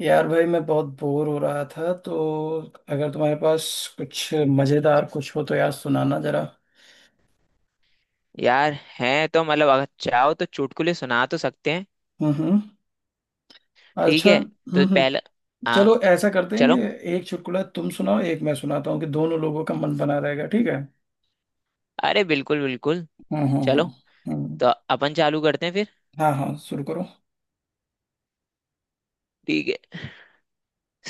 यार भाई मैं बहुत बोर हो रहा था, तो अगर तुम्हारे पास कुछ मजेदार कुछ हो तो यार सुनाना जरा। यार हैं तो मतलब अगर चाहो तो चुटकुले सुना तो सकते हैं। हम्म। ठीक अच्छा, है। तो पहले हम्म। हाँ चलो ऐसा करते हैं कि चलो। एक चुटकुला तुम सुनाओ, एक मैं सुनाता हूँ, कि दोनों लोगों का मन बना रहेगा, ठीक है। अरे बिल्कुल बिल्कुल। हम्म। चलो हम्म हम्म, तो अपन चालू करते हैं फिर। हाँ हाँ, शुरू करो। ठीक है।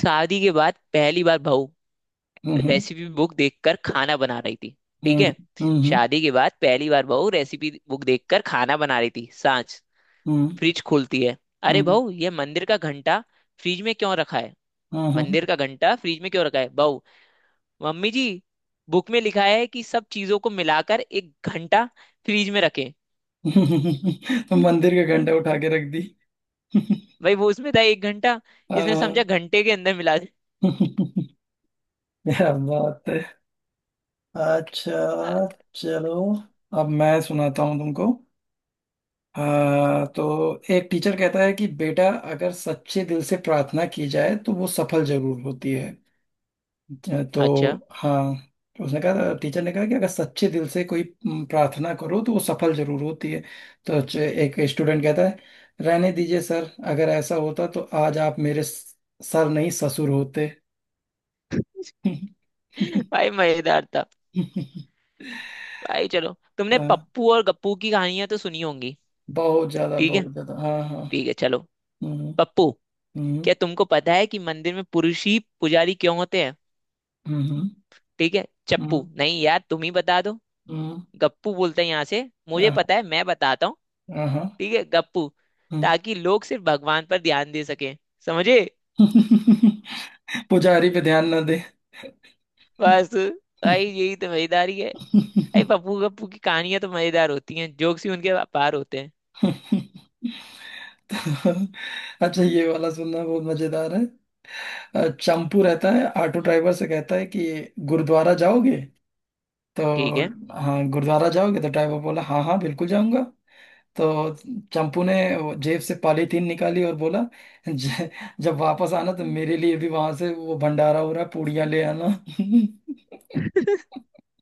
शादी के बाद पहली बार बहू हम्म रेसिपी बुक देखकर खाना बना रही थी। ठीक हम्म है। हम्म। शादी के बाद पहली बार बहू रेसिपी बुक देखकर खाना बना रही थी सांच। हम्म। हम्म। फ्रिज खोलती है। अरे हम्म। बहू ये मंदिर का घंटा फ्रिज में क्यों रखा है? हम्म। मंदिर का घंटा फ्रिज में क्यों रखा है बहू? मम्मी जी बुक में लिखा है कि सब चीजों को मिलाकर एक घंटा फ्रीज में रखें। हम्म, तो मंदिर का घंटा उठा के रख दी। भाई वो उसमें था एक घंटा। इसने समझा हाँ। घंटे के अंदर मिला दे। क्या बात, अ- अच्छा। चलो, अब मैं सुनाता हूँ तुमको। तो एक टीचर कहता है कि बेटा अगर सच्चे दिल से प्रार्थना की जाए तो वो सफल जरूर होती है। तो अच्छा। हाँ, तो उसने कहा, टीचर ने कहा कि अगर सच्चे दिल से कोई प्रार्थना करो तो वो सफल जरूर होती है। तो एक स्टूडेंट कहता है, रहने दीजिए सर, अगर ऐसा होता तो आज आप मेरे सर नहीं ससुर होते। भाई मजेदार था। भाई चलो तुमने हाँ, पप्पू और गप्पू की कहानियां तो सुनी होंगी। बहुत ज्यादा ठीक है। बहुत ज्यादा, हाँ हाँ। ठीक है चलो। Uhum, पप्पू uhum, क्या तुमको पता है कि मंदिर में पुरुष ही पुजारी क्यों होते हैं? uhम, ठीक है चप्पू uhum, नहीं यार तुम ही बता दो। uhum, गप्पू बोलते हैं यहाँ से मुझे आहा, पता है मैं बताता हूँ। आहा, ठीक है गप्पू ताकि लोग सिर्फ भगवान पर ध्यान दे सकें। समझे। हम्म। पुजारी पे ध्यान ना दे। बस। भाई यही तो मजेदारी है। भाई पप्पू गप्पू की कहानियां तो मजेदार होती हैं जोक्स ही उनके पार होते हैं। अच्छा, ये वाला सुनना बहुत मजेदार है। चंपू रहता है, ऑटो ड्राइवर से कहता है कि गुरुद्वारा जाओगे? ठीक है। तो हाँ, गुरुद्वारा जाओगे? तो ड्राइवर बोला हाँ हाँ बिल्कुल जाऊंगा। तो चंपू ने वो जेब से पॉलीथीन निकाली और बोला, "ज- जब वापस आना तो मेरे लिए भी वहां से, वो भंडारा हो रहा है, पूड़ियां ले आना।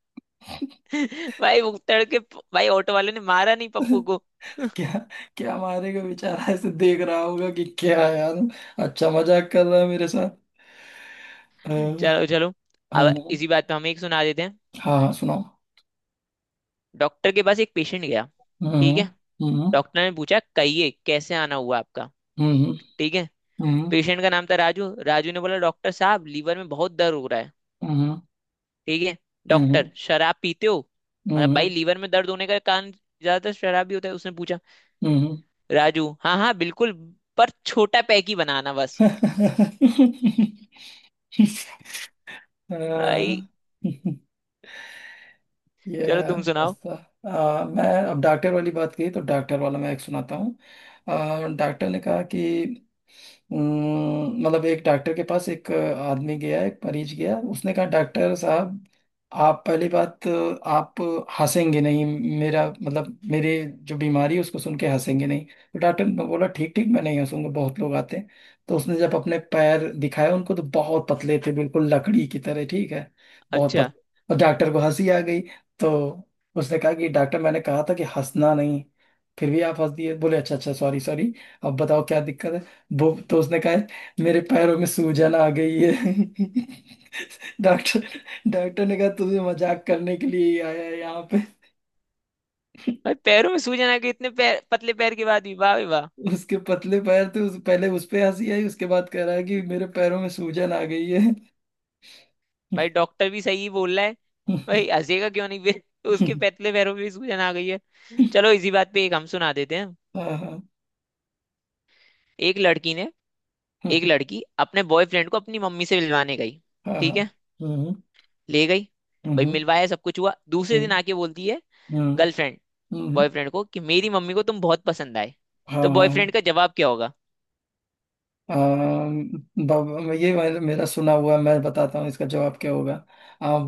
भाई वो तड़के। भाई ऑटो वाले ने मारा नहीं पप्पू को। क्या, क्या हमारे को बेचारा ऐसे देख रहा होगा कि क्या यार, अच्छा मजाक कर रहा है मेरे साथ। अ, चलो चलो अब हम्म, इसी बात पे हम एक सुना देते हैं। हाँ हाँ सुनाओ। डॉक्टर के पास एक पेशेंट गया। ठीक हम्म है। हम्म डॉक्टर ने पूछा कहिए कैसे आना हुआ आपका। हम्म ठीक है। हम्म पेशेंट का नाम था राजू। राजू ने बोला डॉक्टर साहब लीवर में बहुत दर्द हो रहा है। हम्म ठीक है। डॉक्टर हम्म शराब पीते हो? मतलब भाई हम्म लीवर में दर्द होने का कारण ज्यादातर शराब ही होता है उसने पूछा। हम्म हम्म। राजू हाँ हाँ बिल्कुल पर छोटा पैक ही बनाना बस। भाई अ, चलो Yeah, तुम सुनाओ। अच्छा। मैं, अब डॉक्टर वाली बात की तो डॉक्टर वाला मैं एक सुनाता हूँ। डॉक्टर ने कहा कि मतलब एक डॉक्टर के पास एक आदमी गया, एक मरीज गया। उसने कहा, डॉक्टर साहब, आप पहली बात, आप हंसेंगे नहीं। मेरा मतलब मेरे जो बीमारी है उसको सुन के हंसेंगे नहीं। तो डॉक्टर ने बोला, ठीक ठीक, मैं नहीं हंसूंगा, बहुत लोग आते हैं। तो उसने जब अपने पैर दिखाए उनको, तो बहुत पतले थे, बिल्कुल लकड़ी की तरह, ठीक है, बहुत अच्छा। पतले, और डॉक्टर को हंसी आ गई। तो उसने कहा कि डॉक्टर, मैंने कहा था कि हंसना नहीं, फिर भी आप हंस दिए। बोले, अच्छा अच्छा, सॉरी सॉरी, अब बताओ क्या दिक्कत है। वो तो उसने कहा मेरे पैरों में सूजन आ गई है। डॉक्टर, डॉक्टर ने कहा, तुम्हें मजाक करने के लिए ही आया है यहाँ पे। भाई पैरों में सूजन आ गई, इतने पैर पतले पैर के बाद भी, वाह भाई वाह। उसके पतले पैर थे, उस पहले उस पे हंसी आई, उसके बाद कह रहा है कि मेरे पैरों में सूजन आ गई है। भाई डॉक्टर भी सही बोल रहा है। भाई हंसेगा क्यों नहीं फिर। उसके पतले पैरों में भी सूजन आ गई है। चलो इसी बात पे एक हम सुना देते हैं। हाँ हाँ एक लड़की ने, एक हाँ लड़की अपने बॉयफ्रेंड को अपनी मम्मी से मिलवाने गई। ठीक हाँ। है। हम्म ले गई। भाई हम्म मिलवाया सब कुछ हुआ दूसरे हम्म दिन आके बोलती है हम्म गर्लफ्रेंड हम्म, बॉयफ्रेंड को कि मेरी मम्मी को तुम बहुत पसंद आए। हाँ तो हाँ। बॉयफ्रेंड का जवाब क्या होगा? अम, ये मेरा मेरा सुना हुआ, मैं बताता हूँ इसका जवाब क्या होगा।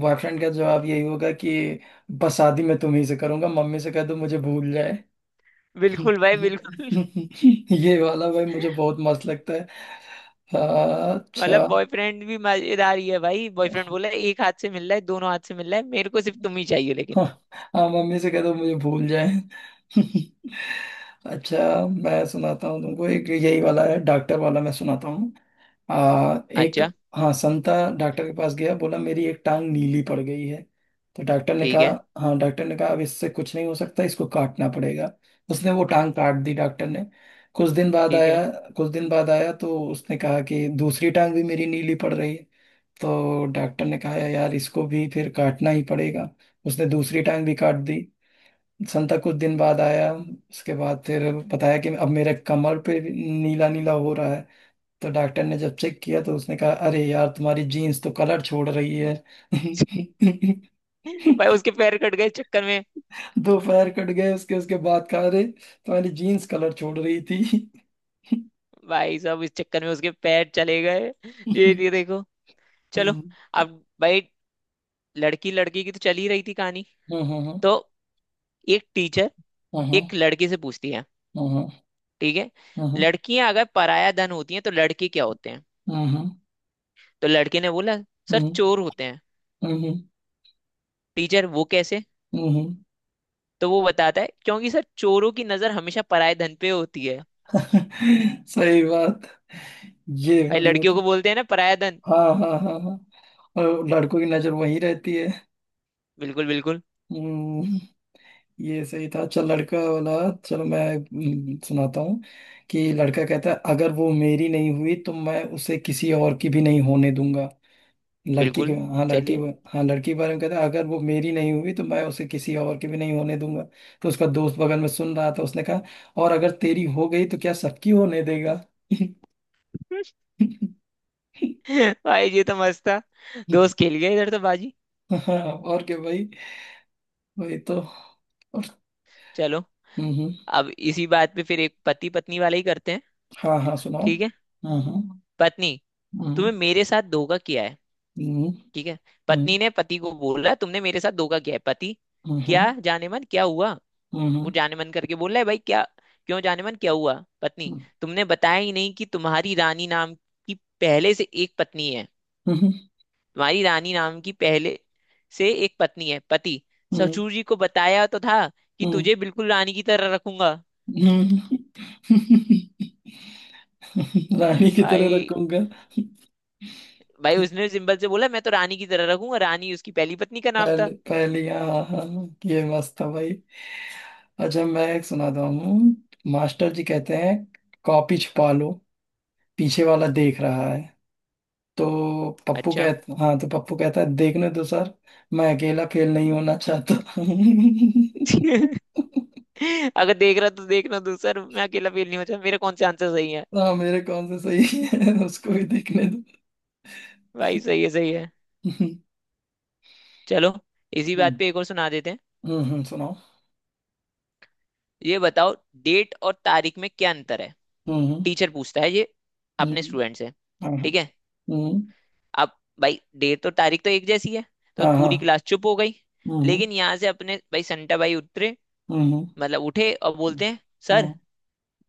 बॉयफ्रेंड का जवाब यही होगा कि बस शादी मैं तुम्ही से करूंगा, मम्मी से कह दो मुझे भूल जाए। बिल्कुल भाई बिल्कुल। ये वाला भाई मुझे बहुत मस्त लगता है। मतलब अच्छा। बॉयफ्रेंड भी मजेदार ही है। भाई बॉयफ्रेंड बोला एक हाथ से मिल रहा है दोनों हाथ से मिल रहा है, मेरे को सिर्फ तुम ही चाहिए लेकिन। हाँ हाँ, मम्मी से कह दो मुझे भूल जाए। अच्छा, मैं सुनाता हूँ तुमको एक, यही वाला है डॉक्टर वाला, मैं सुनाता हूँ। एक, अच्छा। हाँ, संता डॉक्टर के पास गया, बोला मेरी एक टांग नीली पड़ गई है। तो डॉक्टर ने ठीक कहा, है। हाँ, डॉक्टर ने कहा अब इससे कुछ नहीं हो सकता, इसको काटना पड़ेगा। उसने वो टांग काट दी, डॉक्टर ने। कुछ दिन बाद ठीक है। आया, कुछ दिन बाद आया तो उसने कहा कि दूसरी टांग भी मेरी नीली पड़ रही है। तो डॉक्टर ने कहा यार इसको भी फिर काटना ही पड़ेगा। उसने दूसरी टांग भी काट दी। संता कुछ दिन बाद आया उसके बाद, फिर बताया कि अब मेरे कमर पे नीला नीला हो रहा है। तो डॉक्टर ने जब चेक किया तो उसने कहा अरे यार, तुम्हारी जीन्स तो कलर छोड़ रही है। भाई उसके पैर कट गए इस चक्कर में। दो पैर कट गए उसके, उसके बाद कहा अरे तुम्हारी जीन्स कलर छोड़ रही थी। भाई साहब इस चक्कर में उसके पैर चले गए। हम्म, ये देखो। चलो अब भाई लड़की लड़की की तो चल ही रही थी कहानी। हम्म, हम्म, तो एक टीचर हम्म, एक लड़की से पूछती है। हम्म, ठीक है। हम्म, हम्म, लड़कियां अगर पराया धन होती हैं तो लड़के क्या होते हैं? हम्म, तो लड़के ने बोला सर हम्म, चोर होते हैं। हम्म, टीचर वो कैसे? हम्म, हम्म। तो वो बताता है क्योंकि सर चोरों की नजर हमेशा पराया धन पे होती है। सही बात, ये भाई बढ़िया। लड़कियों तो को बोलते हैं ना पराया धन। हाँ हाँ हाँ हाँ, और लड़कों की नजर वहीं रहती है। बिल्कुल बिल्कुल हम्म, ये सही था, चल लड़का वाला। चलो मैं सुनाता हूँ कि लड़का कहता है अगर वो मेरी नहीं हुई तो मैं उसे किसी और की भी नहीं होने दूंगा। लड़की के, बिल्कुल। हाँ, लड़की, चलिए। हाँ, लड़की के बारे में कहता है अगर वो मेरी नहीं हुई तो मैं उसे किसी और की भी नहीं होने दूंगा। तो उसका दोस्त बगल में सुन रहा था, उसने कहा, और अगर तेरी हो गई तो क्या सबकी होने देगा। भाई ये तो मस्त था। दोस्त खेल गया इधर तो बाजी। हाँ, और क्या भाई, वही तो, और। चलो हम्म हम्म, अब इसी बात पे फिर एक पति पत्नी वाला ही करते हैं। हाँ हाँ सुनाओ। ठीक है। पत्नी, हम्म तुम्हें मेरे साथ धोखा किया है। हम्म ठीक है। पत्नी ने पति को बोला तुमने मेरे साथ धोखा किया है। पति, हम्म हम्म क्या हम्म जाने मन क्या हुआ? हम्म वो जाने मन करके बोल रहा है भाई। क्या? क्यों जाने मन क्या हुआ? पत्नी, तुमने बताया ही नहीं कि तुम्हारी रानी नाम की पहले से एक पत्नी है। हम्म हम्म हम्म, तुम्हारी रानी नाम की पहले से एक पत्नी है। पति, हम्म, ससुर जी को बताया तो था कि हम्म, तुझे बिल्कुल रानी की तरह रखूंगा। हम्म, रानी की तरह भाई, रखूंगा। भाई उसने सिंपल से बोला मैं तो रानी की तरह रखूंगा। रानी उसकी पहली पत्नी का नाम था। पहले पहले हाँ हाँ, ये मस्त था भाई। अच्छा, मैं एक सुनाता हूँ। मास्टर जी कहते हैं कॉपी छुपा लो, पीछे वाला देख रहा है। तो पप्पू अच्छा। कहता, हाँ, तो पप्पू कहता है देखने दो सर, मैं अकेला फेल नहीं होना चाहता। अगर देख रहा तो देखना तू सर, मैं अकेला फील नहीं होता, मेरे कौन से आंसर सही है। हाँ, मेरे कौन से सही है उसको भी देखने दो। भाई सही है सही है। चलो इसी बात हम्म पे एक और सुना देते हैं। सुनाओ। ये बताओ डेट और तारीख में क्या अंतर है? हम्म टीचर पूछता है ये हम्म अपने हम्म, स्टूडेंट से। हाँ हाँ। ठीक है। हम्म, अब भाई डेट और तारीख तो एक जैसी है। तो हाँ हाँ। पूरी क्लास चुप हो गई। हम्म लेकिन यहाँ से अपने भाई संटा भाई उतरे, हम्म हम्म, मतलब उठे और हम्म, बोलते हैं सर हाँ,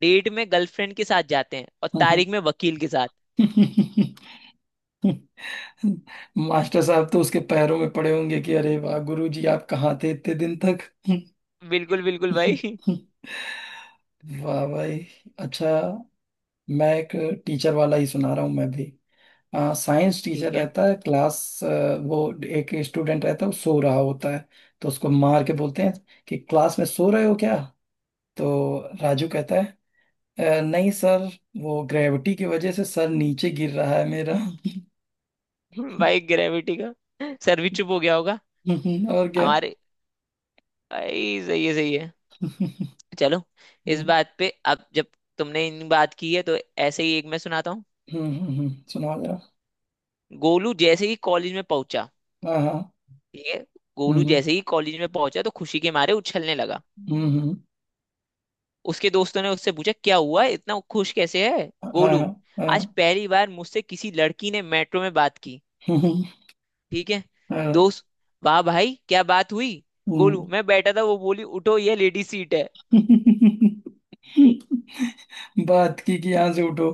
डेट में गर्लफ्रेंड के साथ जाते हैं और हम्म। तारीख में वकील के साथ। हम्म, मास्टर साहब तो उसके पैरों में पड़े होंगे कि अरे वाह गुरुजी, आप कहाँ थे इतने दिन तक। बिल्कुल बिल्कुल भाई। वाह भाई, अच्छा, मैं एक टीचर वाला ही सुना रहा हूँ मैं भी। साइंस टीचर ठीक है। रहता है क्लास, वो, एक स्टूडेंट रहता है वो सो रहा होता है। तो उसको मार के बोलते हैं कि क्लास में सो रहे हो क्या। तो राजू कहता है, " नहीं सर, वो ग्रेविटी की वजह से सर नीचे गिर रहा है मेरा। भाई ग्रेविटी का सर भी चुप हो गया होगा। और क्या। हमारे भाई सही है सही है। चलो हम्म, इस हम्म, बात पे अब जब तुमने इन बात की है तो ऐसे ही एक मैं सुनाता हूँ। सुनाओ जरा। गोलू जैसे ही कॉलेज में पहुंचा। हाँ हाँ। ठीक है। गोलू हम्म जैसे ही कॉलेज में पहुंचा तो खुशी के मारे उछलने लगा। हम्म हम्म, उसके दोस्तों ने उससे पूछा क्या हुआ इतना खुश कैसे है? हाँ हाँ। गोलू, आज हाँ, पहली बार मुझसे किसी लड़की ने मेट्रो में बात की। हम्म, हम्म, ठीक है। हाँ, दोस्त, वाह भाई क्या बात हुई। हम्म, गोलू, मैं बैठा था वो बोली उठो ये लेडी सीट है। बात की कि यहाँ से उठो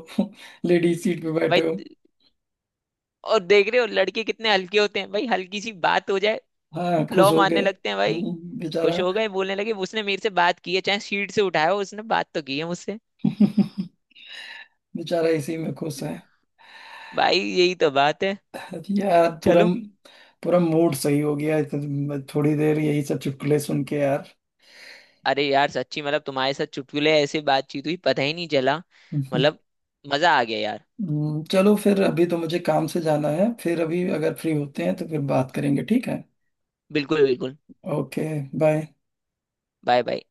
लेडीज सीट पे बैठे भाई हो। और देख रहे हो लड़के कितने हल्के होते हैं, भाई हल्की सी बात हो जाए हाँ खुश लौ हो गए। मारने लगते हैं भाई। बेचारा। खुश हो गए, बोलने लगे उसने मेरे से बात की है, चाहे सीट से उठाया हो उसने बात तो की है मुझसे। बेचारा इसी में खुश है। भाई यही तो बात है। यार पूरा, चलो, पूरा मूड सही हो गया, थोड़ी देर यही सब चुटकुले सुन के यार। अरे यार सच्ची मतलब तुम्हारे साथ चुटकुले ऐसे बातचीत हुई पता ही नहीं चला हम्म, मतलब। मजा आ गया यार। चलो फिर, अभी तो मुझे काम से जाना है, फिर अभी अगर फ्री होते हैं तो फिर बात करेंगे, ठीक है। बिल्कुल बिल्कुल। Okay, bye. Bye bye.